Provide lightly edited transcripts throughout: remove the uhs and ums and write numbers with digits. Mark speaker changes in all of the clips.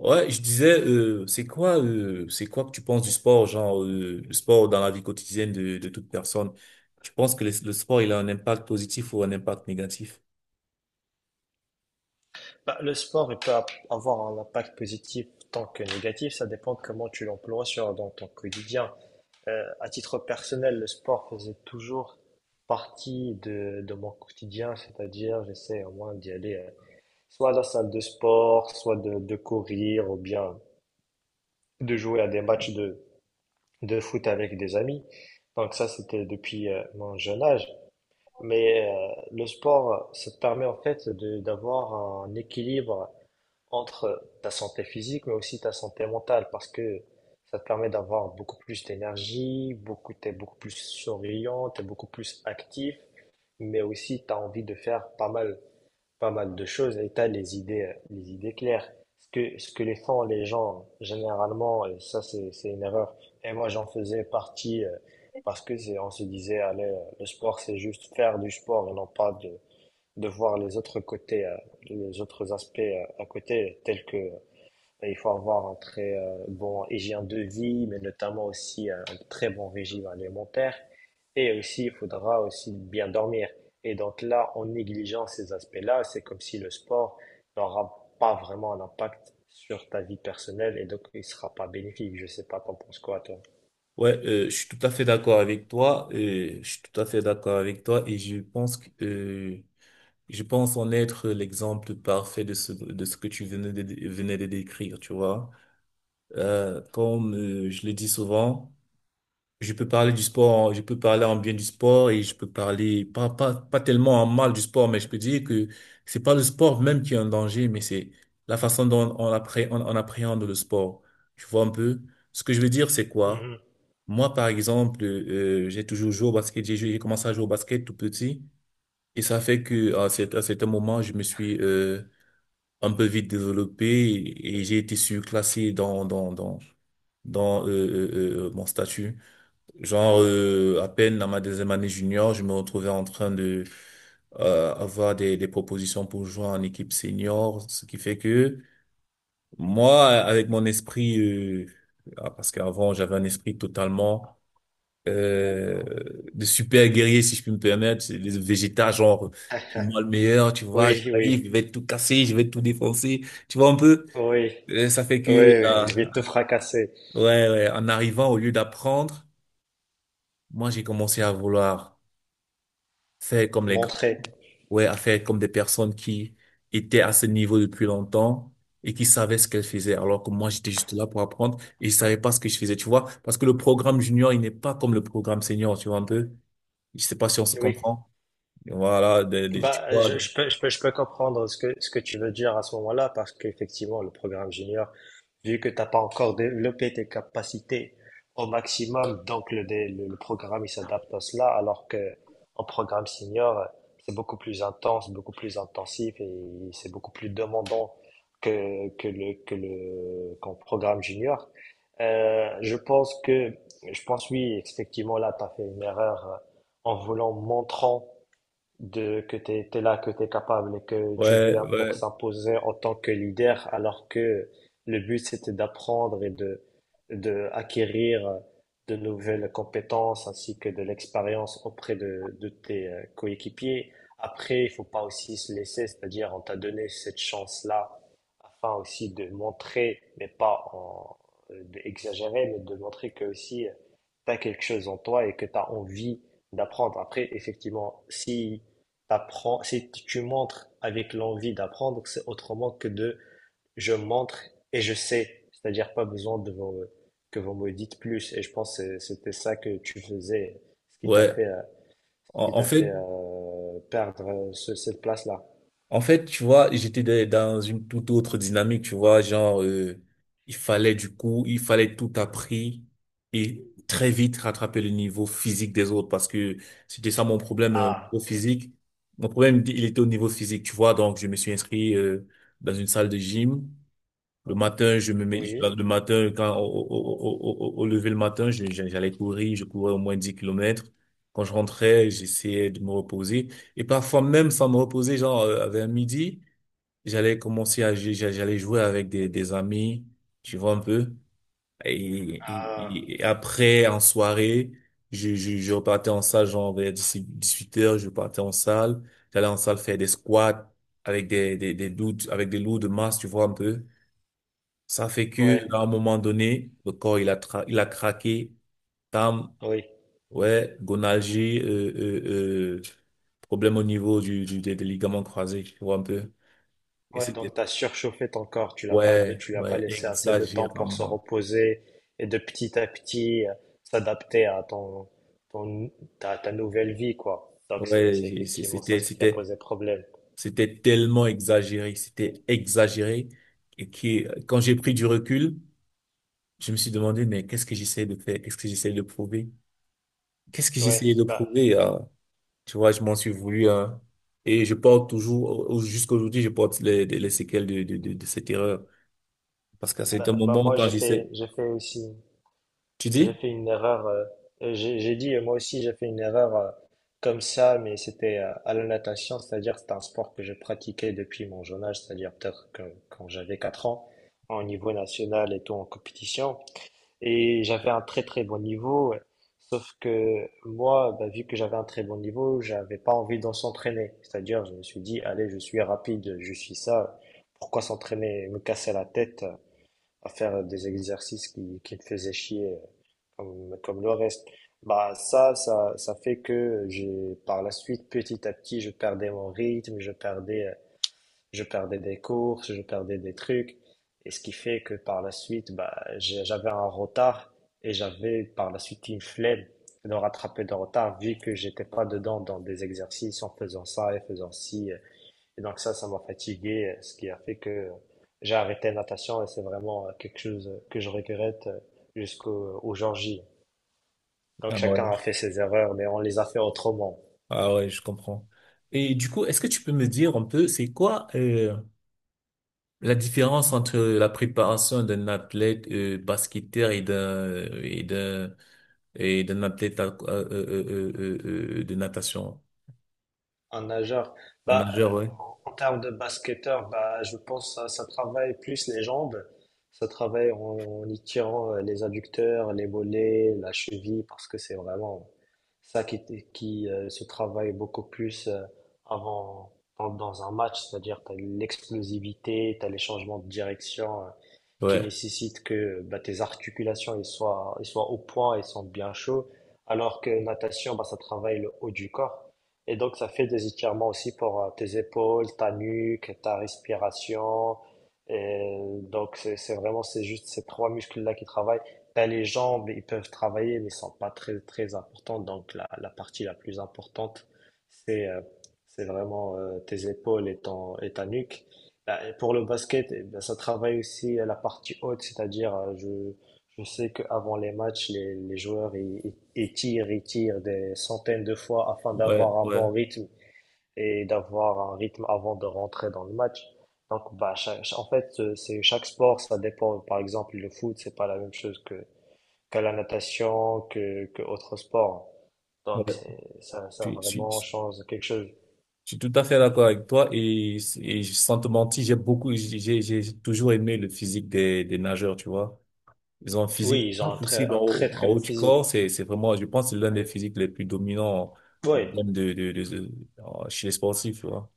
Speaker 1: Ouais, je disais, c'est quoi que tu penses du sport, genre le sport dans la vie quotidienne de toute personne? Tu penses que le sport, il a un impact positif ou un impact négatif?
Speaker 2: Bah, le sport, il peut avoir un impact positif tant que négatif. Ça dépend de comment tu l'emploies dans ton quotidien. À titre personnel, le sport faisait toujours partie de mon quotidien, c'est-à-dire j'essaie au moins d'y aller soit à la salle de sport, soit de courir, ou bien de jouer à des matchs de foot avec des amis. Donc ça, c'était depuis mon jeune âge. Mais le sport, ça te permet en fait de d'avoir un équilibre entre ta santé physique, mais aussi ta santé mentale, parce que ça te permet d'avoir beaucoup plus d'énergie, t'es beaucoup plus souriant, t'es beaucoup plus actif, mais aussi t'as envie de faire pas mal de choses et t'as les idées claires. Ce que les font les gens généralement, et ça c'est une erreur. Et moi j'en faisais partie parce que on se disait, allez, le sport c'est juste faire du sport et non pas de voir les autres côtés, les autres aspects à côté, tels que et il faut avoir un très bon hygiène de vie, mais notamment aussi un très bon régime alimentaire. Et aussi, il faudra aussi bien dormir. Et donc là, en négligeant ces aspects-là, c'est comme si le sport n'aura pas vraiment un impact sur ta vie personnelle et donc il sera pas bénéfique. Je sais pas, t'en penses quoi, toi?
Speaker 1: Ouais, je suis tout à fait d'accord avec toi. Je suis tout à fait d'accord avec toi et je pense que je pense en être l'exemple parfait de ce que tu venais de décrire, tu vois. Comme je le dis souvent. Je peux parler du sport, je peux parler en bien du sport et je peux parler pas tellement en mal du sport, mais je peux dire que c'est pas le sport même qui est en danger, mais c'est la façon dont on appréhende le sport. Tu vois un peu? Ce que je veux dire, c'est quoi?
Speaker 2: Mhm.
Speaker 1: Moi, par exemple, j'ai toujours joué au basket, j'ai commencé à jouer au basket tout petit et ça fait que à à certains moments, je me suis un peu vite développé et j'ai été surclassé dans mon statut. Genre, à peine dans ma deuxième année junior, je me retrouvais en train de avoir des propositions pour jouer en équipe senior, ce qui fait que moi, avec mon esprit, parce qu'avant j'avais un esprit totalement euh, de super guerrier, si je puis me permettre, c'est les végétas, genre moi le meilleur, tu vois,
Speaker 2: Oui, oui,
Speaker 1: j'arrive, je vais tout casser, je vais tout défoncer, tu vois un peu.
Speaker 2: oui,
Speaker 1: Euh, ça fait
Speaker 2: oui,
Speaker 1: que,
Speaker 2: oui,
Speaker 1: euh,
Speaker 2: je vais te fracasser,
Speaker 1: ouais, ouais, en arrivant, au lieu d'apprendre, moi j'ai commencé à vouloir faire comme les grands,
Speaker 2: montrer.
Speaker 1: ouais, à faire comme des personnes qui étaient à ce niveau depuis longtemps et qui savaient ce qu'elles faisaient, alors que moi, j'étais juste là pour apprendre et je savais pas ce que je faisais, tu vois, parce que le programme junior, il n'est pas comme le programme senior, tu vois un peu. Je sais pas si on se
Speaker 2: Oui.
Speaker 1: comprend. Voilà, tu
Speaker 2: Bah, je,
Speaker 1: vois,
Speaker 2: je peux, je peux, je peux comprendre ce que tu veux dire à ce moment-là, parce qu'effectivement, le programme junior, vu que tu n'as pas encore développé tes capacités au maximum, donc le programme, il s'adapte à cela, alors que en programme senior, c'est beaucoup plus intense, beaucoup plus intensif et c'est beaucoup plus demandant qu'en programme junior. Euh, je pense que, je pense oui, effectivement, là, tu as fait une erreur en voulant montrant de que tu es, là, que tu es capable et que tu
Speaker 1: ouais,
Speaker 2: viens
Speaker 1: ouais,
Speaker 2: pour s'imposer en tant que leader, alors que le but c'était d'apprendre et de acquérir de nouvelles compétences ainsi que de l'expérience auprès de tes coéquipiers. Après, il faut pas aussi se laisser, c'est-à-dire on t'a donné cette chance-là afin aussi de montrer, mais pas d'exagérer, mais de montrer que aussi tu as quelque chose en toi et que tu as envie d'apprendre. Après, effectivement, si t'apprends, si t- tu montres avec l'envie d'apprendre, c'est autrement que de je montre et je sais. C'est-à-dire pas besoin de que vous me dites plus. Et je pense que c'était ça que tu faisais, ce qui t'a
Speaker 1: ouais.
Speaker 2: fait, euh, ce qui
Speaker 1: En, en
Speaker 2: t'a fait
Speaker 1: fait,
Speaker 2: perdre cette place-là.
Speaker 1: En fait, tu vois, j'étais dans une toute autre dynamique, tu vois, genre, il fallait du coup, il fallait tout appris et très vite rattraper le niveau physique des autres parce que c'était ça mon problème
Speaker 2: Ah,
Speaker 1: au physique. Mon problème, il était au niveau physique, tu vois, donc je me suis inscrit dans une salle de gym. Le matin, je me mets,
Speaker 2: oui.
Speaker 1: le matin, quand, au, au, au, au- au lever le matin, j'allais courir, je courais au moins 10 km. Quand je rentrais, j'essayais de me reposer. Et parfois, même sans me reposer, genre, vers midi, j'allais commencer à, j'allais jouer avec des amis, tu vois un peu. Et,
Speaker 2: Ah,
Speaker 1: et après, en soirée, je repartais en salle, genre, vers 18h, je partais en salle. J'allais en salle faire des squats avec avec des lourds de masse, tu vois un peu. Ça fait que, à
Speaker 2: ouais,
Speaker 1: un moment donné, le corps, il a craqué. Tam,
Speaker 2: oui.
Speaker 1: ouais, gonalgie, problème au niveau des ligaments croisés, tu vois un peu. Et
Speaker 2: Ouais,
Speaker 1: c'était,
Speaker 2: donc tu as surchauffé ton corps,
Speaker 1: ouais,
Speaker 2: tu lui as pas
Speaker 1: ouais,
Speaker 2: laissé assez de temps pour se
Speaker 1: exagérément.
Speaker 2: reposer et de petit à petit s'adapter à ton ta nouvelle vie quoi. Donc c'est
Speaker 1: Ouais,
Speaker 2: c'est
Speaker 1: j'ai- c'est-
Speaker 2: effectivement ça
Speaker 1: c'était,
Speaker 2: ce qui a
Speaker 1: c'était,
Speaker 2: posé problème.
Speaker 1: C'était tellement exagéré, c'était exagéré. Quand j'ai pris du recul, je me suis demandé, mais qu'est-ce que j'essaie de faire? Qu'est-ce que j'essaie de prouver? Qu'est-ce que
Speaker 2: Ouais,
Speaker 1: j'essayais de
Speaker 2: bah
Speaker 1: prouver? Tu vois, je m'en suis voulu, hein. Et je porte toujours, jusqu'aujourd'hui, je porte les séquelles de cette erreur. Parce qu'à
Speaker 2: bah,
Speaker 1: certains
Speaker 2: bah
Speaker 1: moments,
Speaker 2: moi
Speaker 1: quand
Speaker 2: j'ai
Speaker 1: j'essaie,
Speaker 2: fait j'ai fait aussi.
Speaker 1: tu dis?
Speaker 2: J'ai fait une erreur. J'ai dit, moi aussi, j'ai fait une erreur comme ça, mais c'était à la natation, c'est-à-dire c'est un sport que je pratiquais depuis mon jeune âge, c'est-à-dire quand j'avais 4 ans, en niveau national et tout en compétition. Et j'avais un très très bon niveau, ouais. Sauf que moi, bah, vu que j'avais un très bon niveau, j'avais pas envie d'en s'entraîner. C'est-à-dire, je me suis dit, allez, je suis rapide, je suis ça, pourquoi s'entraîner, me casser la tête à faire des exercices qui me faisaient chier comme le reste. Bah ça fait que j'ai, par la suite, petit à petit, je perdais mon rythme, je perdais des courses, je perdais des trucs, et ce qui fait que par la suite, bah, j'avais un retard et j'avais par la suite une flemme de rattraper le retard vu que j'étais pas dedans dans des exercices en faisant ça et faisant ci. Et donc ça m'a fatigué, ce qui a fait que j'ai arrêté la natation et c'est vraiment quelque chose que je regrette jusqu'au jour J. Donc
Speaker 1: Ah ouais.
Speaker 2: chacun a fait ses erreurs, mais on les a fait autrement.
Speaker 1: Ah ouais, je comprends. Et du coup, est-ce que tu peux me dire un peu, c'est quoi la différence entre la préparation d'un athlète basketteur et d'un athlète de natation,
Speaker 2: Un nageur.
Speaker 1: un
Speaker 2: Bah,
Speaker 1: nageur, ouais,
Speaker 2: en termes de basketteur, bah, je pense que ça travaille plus les jambes. Ça travaille en y tirant les adducteurs, les mollets, la cheville, parce que c'est vraiment ça qui se travaille beaucoup plus avant, dans un match. C'est-à-dire, tu as l'explosivité, tu as les changements de direction, qui
Speaker 1: ouais,
Speaker 2: nécessite que bah, tes articulations ils soient au point, ils sont bien chauds, alors que natation, bah, ça travaille le haut du corps. Et donc, ça fait des étirements aussi pour tes épaules, ta nuque, ta respiration. Et donc, c'est juste ces trois muscles-là qui travaillent. T'as les jambes, ils peuvent travailler, mais ils sont pas très, très importants. Donc, la partie la plus importante, c'est euh, c'est vraiment tes épaules et, ta nuque. Bah, et pour le basket, eh bien, ça travaille aussi à la partie haute, c'est-à-dire je sais qu'avant les matchs, les joueurs ils tirent des centaines de fois afin
Speaker 1: ouais,
Speaker 2: d'avoir un
Speaker 1: ouais,
Speaker 2: bon rythme et d'avoir un rythme avant de rentrer dans le match. Donc bah, en fait, c'est chaque sport, ça dépend. Par exemple, le foot, c'est pas la même chose que la natation, que autre sport.
Speaker 1: ouais.
Speaker 2: Donc c'est, ça,
Speaker 1: Je
Speaker 2: ça
Speaker 1: suis, je
Speaker 2: vraiment
Speaker 1: suis-
Speaker 2: change quelque chose.
Speaker 1: Je suis tout à fait d'accord avec toi et, sans te mentir, j'ai beaucoup, j'ai toujours aimé le physique des nageurs, tu vois. Ils ont un physique
Speaker 2: Oui, ils
Speaker 1: pas
Speaker 2: ont
Speaker 1: possible
Speaker 2: un très
Speaker 1: en
Speaker 2: très beau
Speaker 1: haut du
Speaker 2: physique.
Speaker 1: corps. C'est vraiment, je pense, que c'est l'un des physiques les plus dominants en, en
Speaker 2: Oui,
Speaker 1: termes de- en- chez les sportifs, tu vois.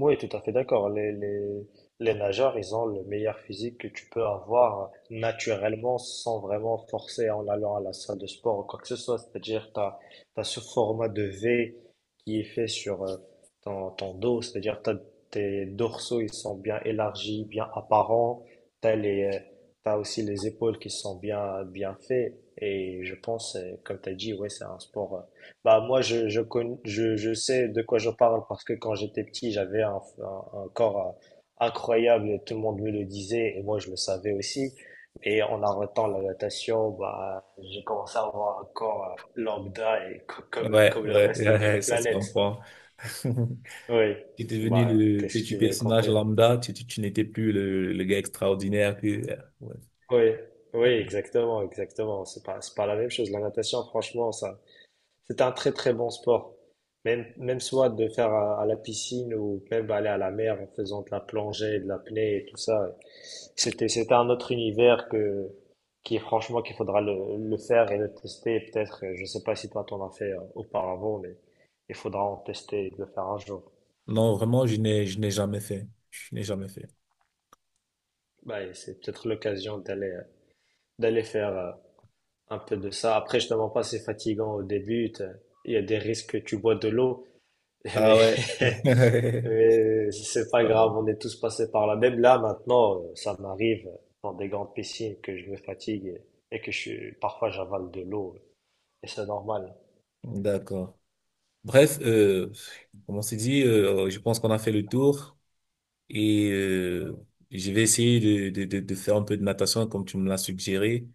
Speaker 2: oui, tout à fait d'accord. Les nageurs, ils ont le meilleur physique que tu peux avoir naturellement sans vraiment forcer en allant à la salle de sport ou quoi que ce soit. C'est-à-dire, tu as, ce format de V qui est fait sur ton dos. C'est-à-dire, t'as, tes dorsaux, ils sont bien élargis, bien apparents. T'as t'as aussi les épaules qui sont bien, bien faites. Et je pense, comme tu as dit, ouais, c'est un sport bah moi je sais de quoi je parle parce que quand j'étais petit j'avais un corps incroyable et tout le monde me le disait et moi je le savais aussi et en arrêtant la natation bah j'ai commencé à avoir un corps lambda et co- comme
Speaker 1: Ouais, ouais,
Speaker 2: comme le reste de la
Speaker 1: ouais, ça se
Speaker 2: planète.
Speaker 1: comprend.
Speaker 2: Oui,
Speaker 1: Tu es devenu
Speaker 2: bah
Speaker 1: le
Speaker 2: qu'est-ce que
Speaker 1: petit
Speaker 2: tu veux qu'on
Speaker 1: personnage
Speaker 2: fait.
Speaker 1: lambda, tu n'étais plus le gars extraordinaire que, ouais.
Speaker 2: Oui, oui, exactement, exactement, c'est pas la même chose la natation franchement ça. C'est un très très bon sport. Même soit de faire à la piscine ou même aller à la mer en faisant de la plongée, de l'apnée et tout ça. C'était un autre univers qui franchement qu'il faudra le faire et le tester. Peut-être, je sais pas si toi t'en as fait auparavant, mais il faudra en tester et de le faire un jour.
Speaker 1: Non, vraiment, je n'ai jamais fait. Je n'ai jamais fait.
Speaker 2: Bah, et c'est peut-être l'occasion d'aller faire un peu de ça. Après, je te mens pas, c'est fatigant au début. Il y a des risques que tu bois de l'eau, mais
Speaker 1: Ah ouais.
Speaker 2: Mais si c'est pas grave, on est tous passés par là. Même là, maintenant, ça m'arrive dans des grandes piscines que je me fatigue et que parfois j'avale de l'eau. Et c'est normal.
Speaker 1: D'accord. Bref, comme on s'est dit, je pense qu'on a fait le tour et je vais essayer de faire un peu de natation comme tu me l'as suggéré.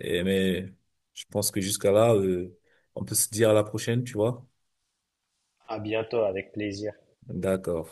Speaker 1: Mais je pense que jusqu'à là, on peut se dire à la prochaine, tu vois?
Speaker 2: À bientôt, avec plaisir.
Speaker 1: D'accord.